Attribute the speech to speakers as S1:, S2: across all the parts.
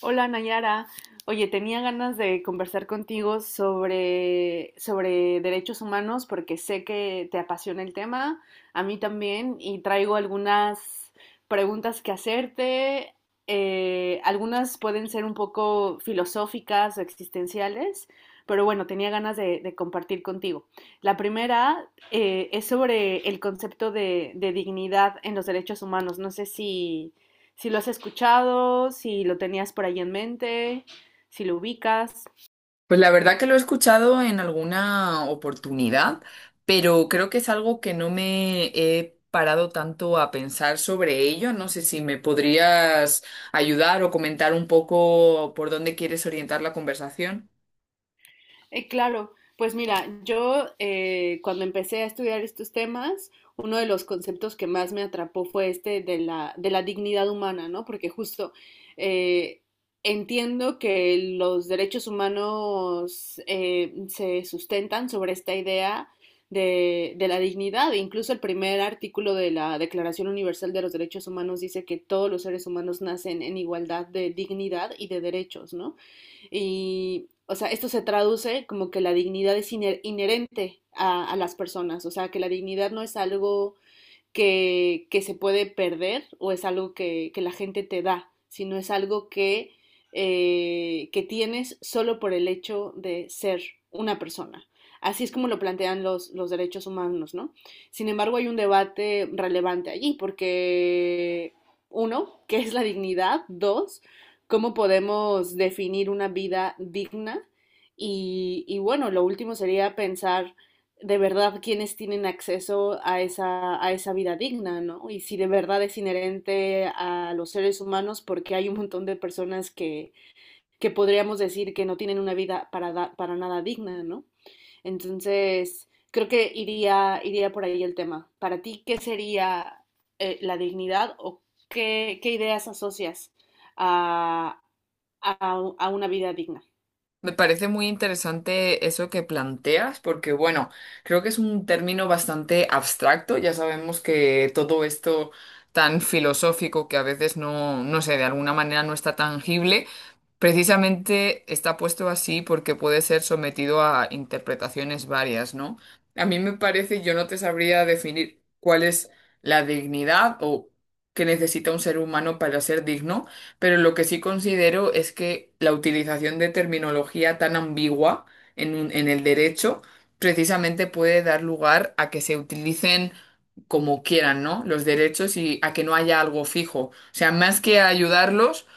S1: Hola Nayara. Oye, tenía ganas de conversar contigo sobre derechos humanos porque sé que te apasiona el tema, a mí también, y traigo algunas preguntas que hacerte. Algunas pueden ser un poco filosóficas o existenciales, pero bueno, tenía ganas de compartir contigo. La primera es sobre el concepto de dignidad en los derechos humanos. No sé si si lo has escuchado, si lo tenías por ahí en mente, si lo ubicas.
S2: Pues la verdad que lo he escuchado en alguna oportunidad, pero creo que es algo que no me he parado tanto a pensar sobre ello. No sé si me podrías ayudar o comentar un poco por dónde quieres orientar la conversación.
S1: Claro, pues mira, yo cuando empecé a estudiar estos temas, uno de los conceptos que más me atrapó fue este de la dignidad humana, ¿no? Porque justo eh, entiendo que los derechos humanos se sustentan sobre esta idea de la dignidad. E incluso el primer artículo de la Declaración Universal de los Derechos Humanos dice que todos los seres humanos nacen en igualdad de dignidad y de derechos, ¿no? Y, o sea, esto se traduce como que la dignidad es iner inherente a, las personas, o sea, que la dignidad no es algo que se puede perder o es algo que la gente te da, sino es algo que tienes solo por el hecho de ser una persona. Así es como lo plantean los derechos humanos, ¿no? Sin embargo, hay un debate relevante allí, porque uno, ¿qué es la dignidad? Dos, ¿cómo podemos definir una vida digna? Y bueno, lo último sería pensar de verdad quienes tienen acceso a esa vida digna, ¿no? Y si de verdad es inherente a los seres humanos, porque hay un montón de personas que podríamos decir que no tienen una vida para nada digna, ¿no? Entonces, creo que iría por ahí el tema. Para ti, ¿qué sería la dignidad o qué, qué ideas asocias a, a una vida digna?
S2: Me parece muy interesante eso que planteas, porque bueno, creo que es un término bastante abstracto. Ya sabemos que todo esto tan filosófico que a veces no, no sé, de alguna manera no está tangible, precisamente está puesto así porque puede ser sometido a interpretaciones varias, ¿no? A mí me parece, yo no te sabría definir cuál es la dignidad o que necesita un ser humano para ser digno. Pero lo que sí considero es que la utilización de terminología tan ambigua en, en el derecho precisamente puede dar lugar a que se utilicen como quieran, ¿no? Los derechos y a que no haya algo fijo. O sea, más que ayudarlos,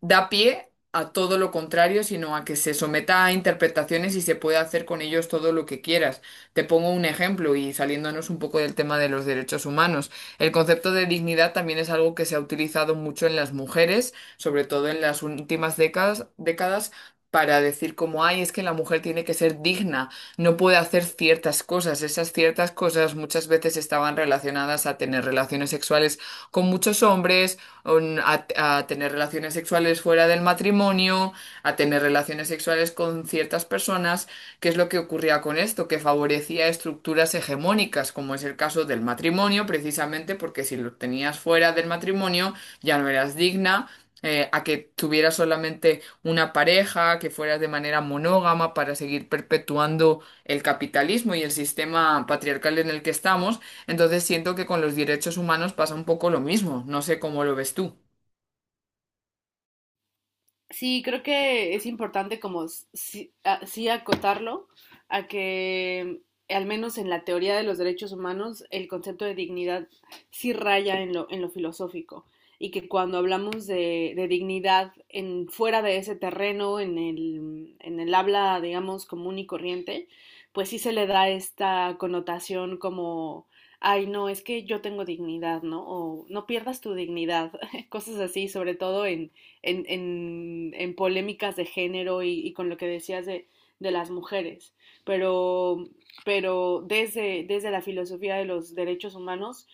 S2: da pie a todo lo contrario, sino a que se someta a interpretaciones y se puede hacer con ellos todo lo que quieras. Te pongo un ejemplo y saliéndonos un poco del tema de los derechos humanos. El concepto de dignidad también es algo que se ha utilizado mucho en las mujeres, sobre todo en las últimas décadas para decir como, ay, es que la mujer tiene que ser digna, no puede hacer ciertas cosas. Esas ciertas cosas muchas veces estaban relacionadas a tener relaciones sexuales con muchos hombres, a, a tener relaciones sexuales fuera del matrimonio, a tener relaciones sexuales con ciertas personas, que es lo que ocurría con esto, que favorecía estructuras hegemónicas, como es el caso del matrimonio, precisamente porque si lo tenías fuera del matrimonio ya no eras digna. A que tuvieras solamente una pareja, que fueras de manera monógama para seguir perpetuando el capitalismo y el sistema patriarcal en el que estamos, entonces siento que con los derechos humanos pasa un poco lo mismo. No sé cómo lo ves tú.
S1: Sí, creo que es importante como sí acotarlo a que al menos en la teoría de los derechos humanos el concepto de dignidad sí raya en lo filosófico y que cuando hablamos de dignidad en fuera de ese terreno, en el habla, digamos, común y corriente, pues sí se le da esta connotación como, ay, no, es que yo tengo dignidad, ¿no? O no pierdas tu dignidad, cosas así, sobre todo en en polémicas de género y, con lo que decías de las mujeres, pero, pero desde, desde la filosofía de los derechos humanos,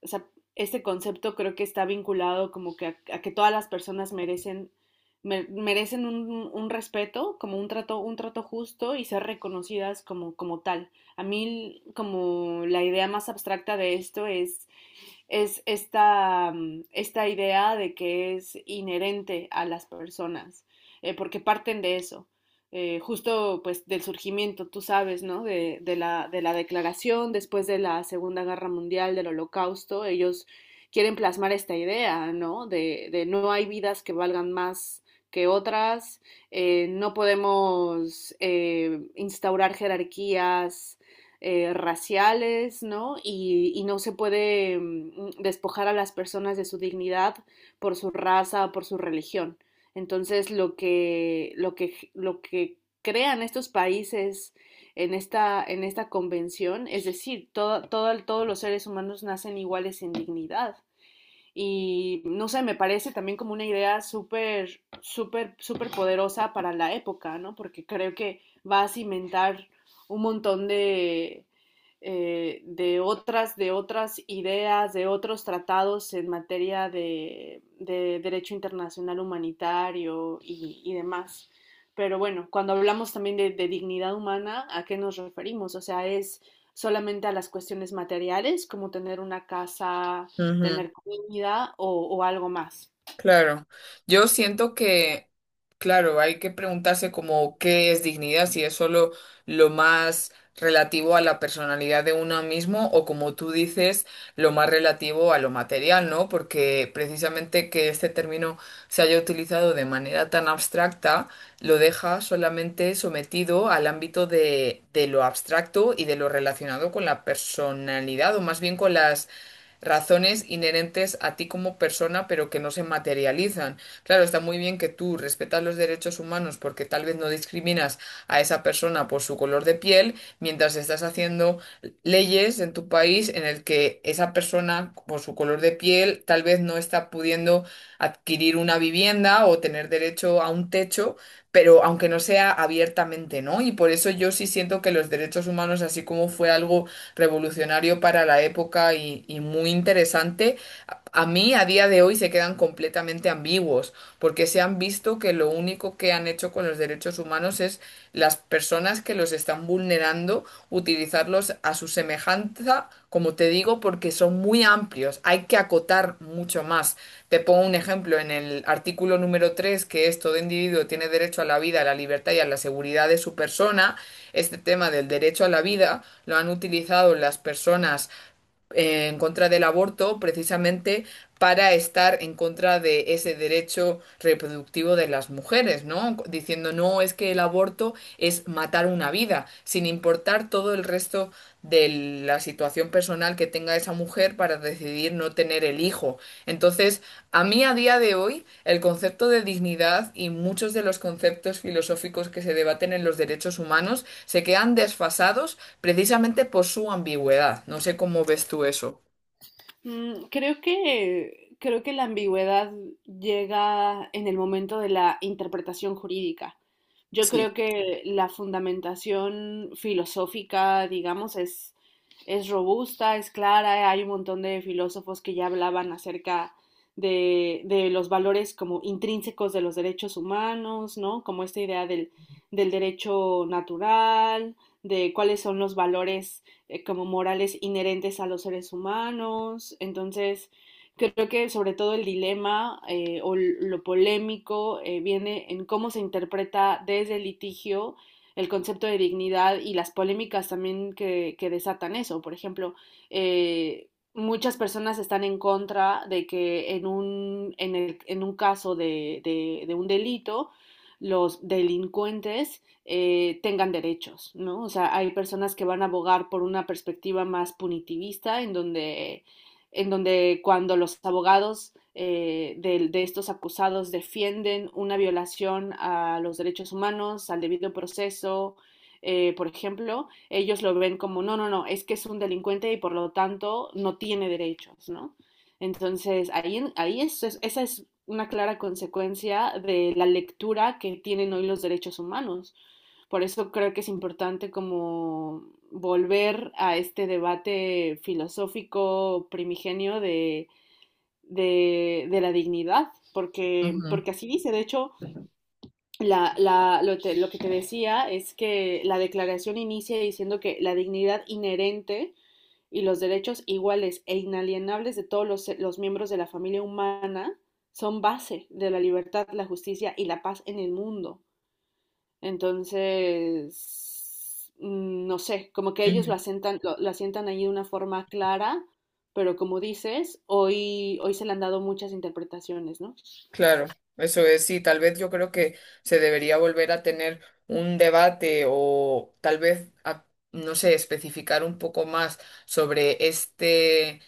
S1: o sea, este concepto creo que está vinculado como que a que todas las personas merecen un, respeto, como un trato justo y ser reconocidas como, como tal. A mí como la idea más abstracta de esto es esta, esta idea de que es inherente a las personas, porque parten de eso. Justo pues del surgimiento, tú sabes, ¿no? De la declaración después de la Segunda Guerra Mundial, del Holocausto, ellos quieren plasmar esta idea, ¿no? De no hay vidas que valgan más que otras, no podemos instaurar jerarquías raciales, ¿no? Y, no se puede despojar a las personas de su dignidad por su raza, o por su religión. Entonces, lo que crean estos países en esta convención, es decir, todos los seres humanos nacen iguales en dignidad. Y no sé, me parece también como una idea súper poderosa para la época, ¿no? Porque creo que va a cimentar un montón de otras ideas, de otros tratados en materia de derecho internacional humanitario y, demás. Pero bueno, cuando hablamos también de, dignidad humana, ¿a qué nos referimos? O sea, es solamente a las cuestiones materiales, como tener una casa,
S2: Ujú.
S1: tener comida o algo más.
S2: Claro, yo siento que, claro, hay que preguntarse como qué es dignidad, si es solo lo más relativo a la personalidad de uno mismo o como tú dices, lo más relativo a lo material, ¿no? Porque precisamente que este término se haya utilizado de manera tan abstracta, lo deja solamente sometido al ámbito de lo abstracto y de lo relacionado con la personalidad o más bien con las razones inherentes a ti como persona, pero que no se materializan. Claro, está muy bien que tú respetas los derechos humanos porque tal vez no discriminas a esa persona por su color de piel, mientras estás haciendo leyes en tu país en el que esa persona por su color de piel tal vez no está pudiendo adquirir una vivienda o tener derecho a un techo, pero aunque no sea abiertamente, ¿no? Y por eso yo sí siento que los derechos humanos, así como fue algo revolucionario para la época y, muy interesante, a mí a día de hoy se quedan completamente ambiguos, porque se han visto que lo único que han hecho con los derechos humanos es las personas que los están vulnerando utilizarlos a su semejanza, como te digo, porque son muy amplios, hay que acotar mucho más. Te pongo un ejemplo en el artículo número tres, que es: todo individuo tiene derecho a la vida, a la libertad y a la seguridad de su persona. Este tema del derecho a la vida lo han utilizado las personas en contra del aborto precisamente para estar en contra de ese derecho reproductivo de las mujeres, ¿no? Diciendo, no, es que el aborto es matar una vida, sin importar todo el resto de la situación personal que tenga esa mujer para decidir no tener el hijo. Entonces, a mí a día de hoy, el concepto de dignidad y muchos de los conceptos filosóficos que se debaten en los derechos humanos se quedan desfasados precisamente por su ambigüedad. No sé cómo ves tú eso.
S1: Creo que, creo que la ambigüedad llega en el momento de la interpretación jurídica. Yo
S2: Sí.
S1: creo que la fundamentación filosófica, digamos, es robusta, es clara. Hay un montón de filósofos que ya hablaban acerca de los valores como intrínsecos de los derechos humanos, ¿no? Como esta idea del, del derecho natural, de cuáles son los valores como morales inherentes a los seres humanos. Entonces, creo que sobre todo el dilema o lo polémico viene en cómo se interpreta desde el litigio el concepto de dignidad y las polémicas también que desatan eso. Por ejemplo, eh, muchas personas están en contra de que en un, en un caso de un delito los delincuentes tengan derechos, ¿no? O sea, hay personas que van a abogar por una perspectiva más punitivista, en donde cuando los abogados de estos acusados defienden una violación a los derechos humanos, al debido proceso, por ejemplo, ellos lo ven como, no, no, no, es que es un delincuente y por lo tanto no tiene derechos, ¿no? Entonces, ahí esa es una clara consecuencia de la lectura que tienen hoy los derechos humanos, por eso creo que es importante como volver a este debate filosófico primigenio de la dignidad, porque,
S2: Ujú.
S1: porque así dice, de hecho, lo que te decía es que la declaración inicia diciendo que la dignidad inherente y los derechos iguales e inalienables de todos los miembros de la familia humana son base de la libertad, la justicia y la paz en el mundo. Entonces, no sé, como que ellos lo
S2: Ujú.
S1: asientan, lo asientan ahí de una forma clara, pero como dices, hoy, hoy se le han dado muchas interpretaciones, ¿no?
S2: Claro, eso es, sí, tal vez yo creo que se debería volver a tener un debate o tal vez, no sé, especificar un poco más sobre este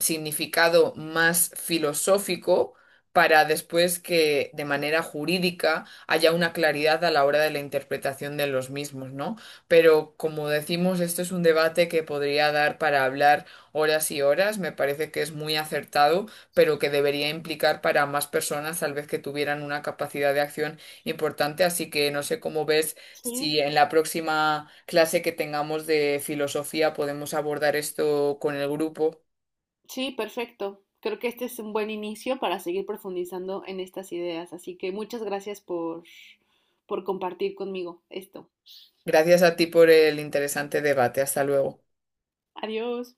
S2: significado más filosófico para después que de manera jurídica haya una claridad a la hora de la interpretación de los mismos, ¿no? Pero como decimos, esto es un debate que podría dar para hablar horas y horas, me parece que es muy acertado, pero que debería implicar para más personas tal vez que tuvieran una capacidad de acción importante, así que no sé cómo ves
S1: Sí.
S2: si en la próxima clase que tengamos de filosofía podemos abordar esto con el grupo.
S1: Sí, perfecto. Creo que este es un buen inicio para seguir profundizando en estas ideas. Así que muchas gracias por compartir conmigo esto.
S2: Gracias a ti por el interesante debate. Hasta luego.
S1: Adiós.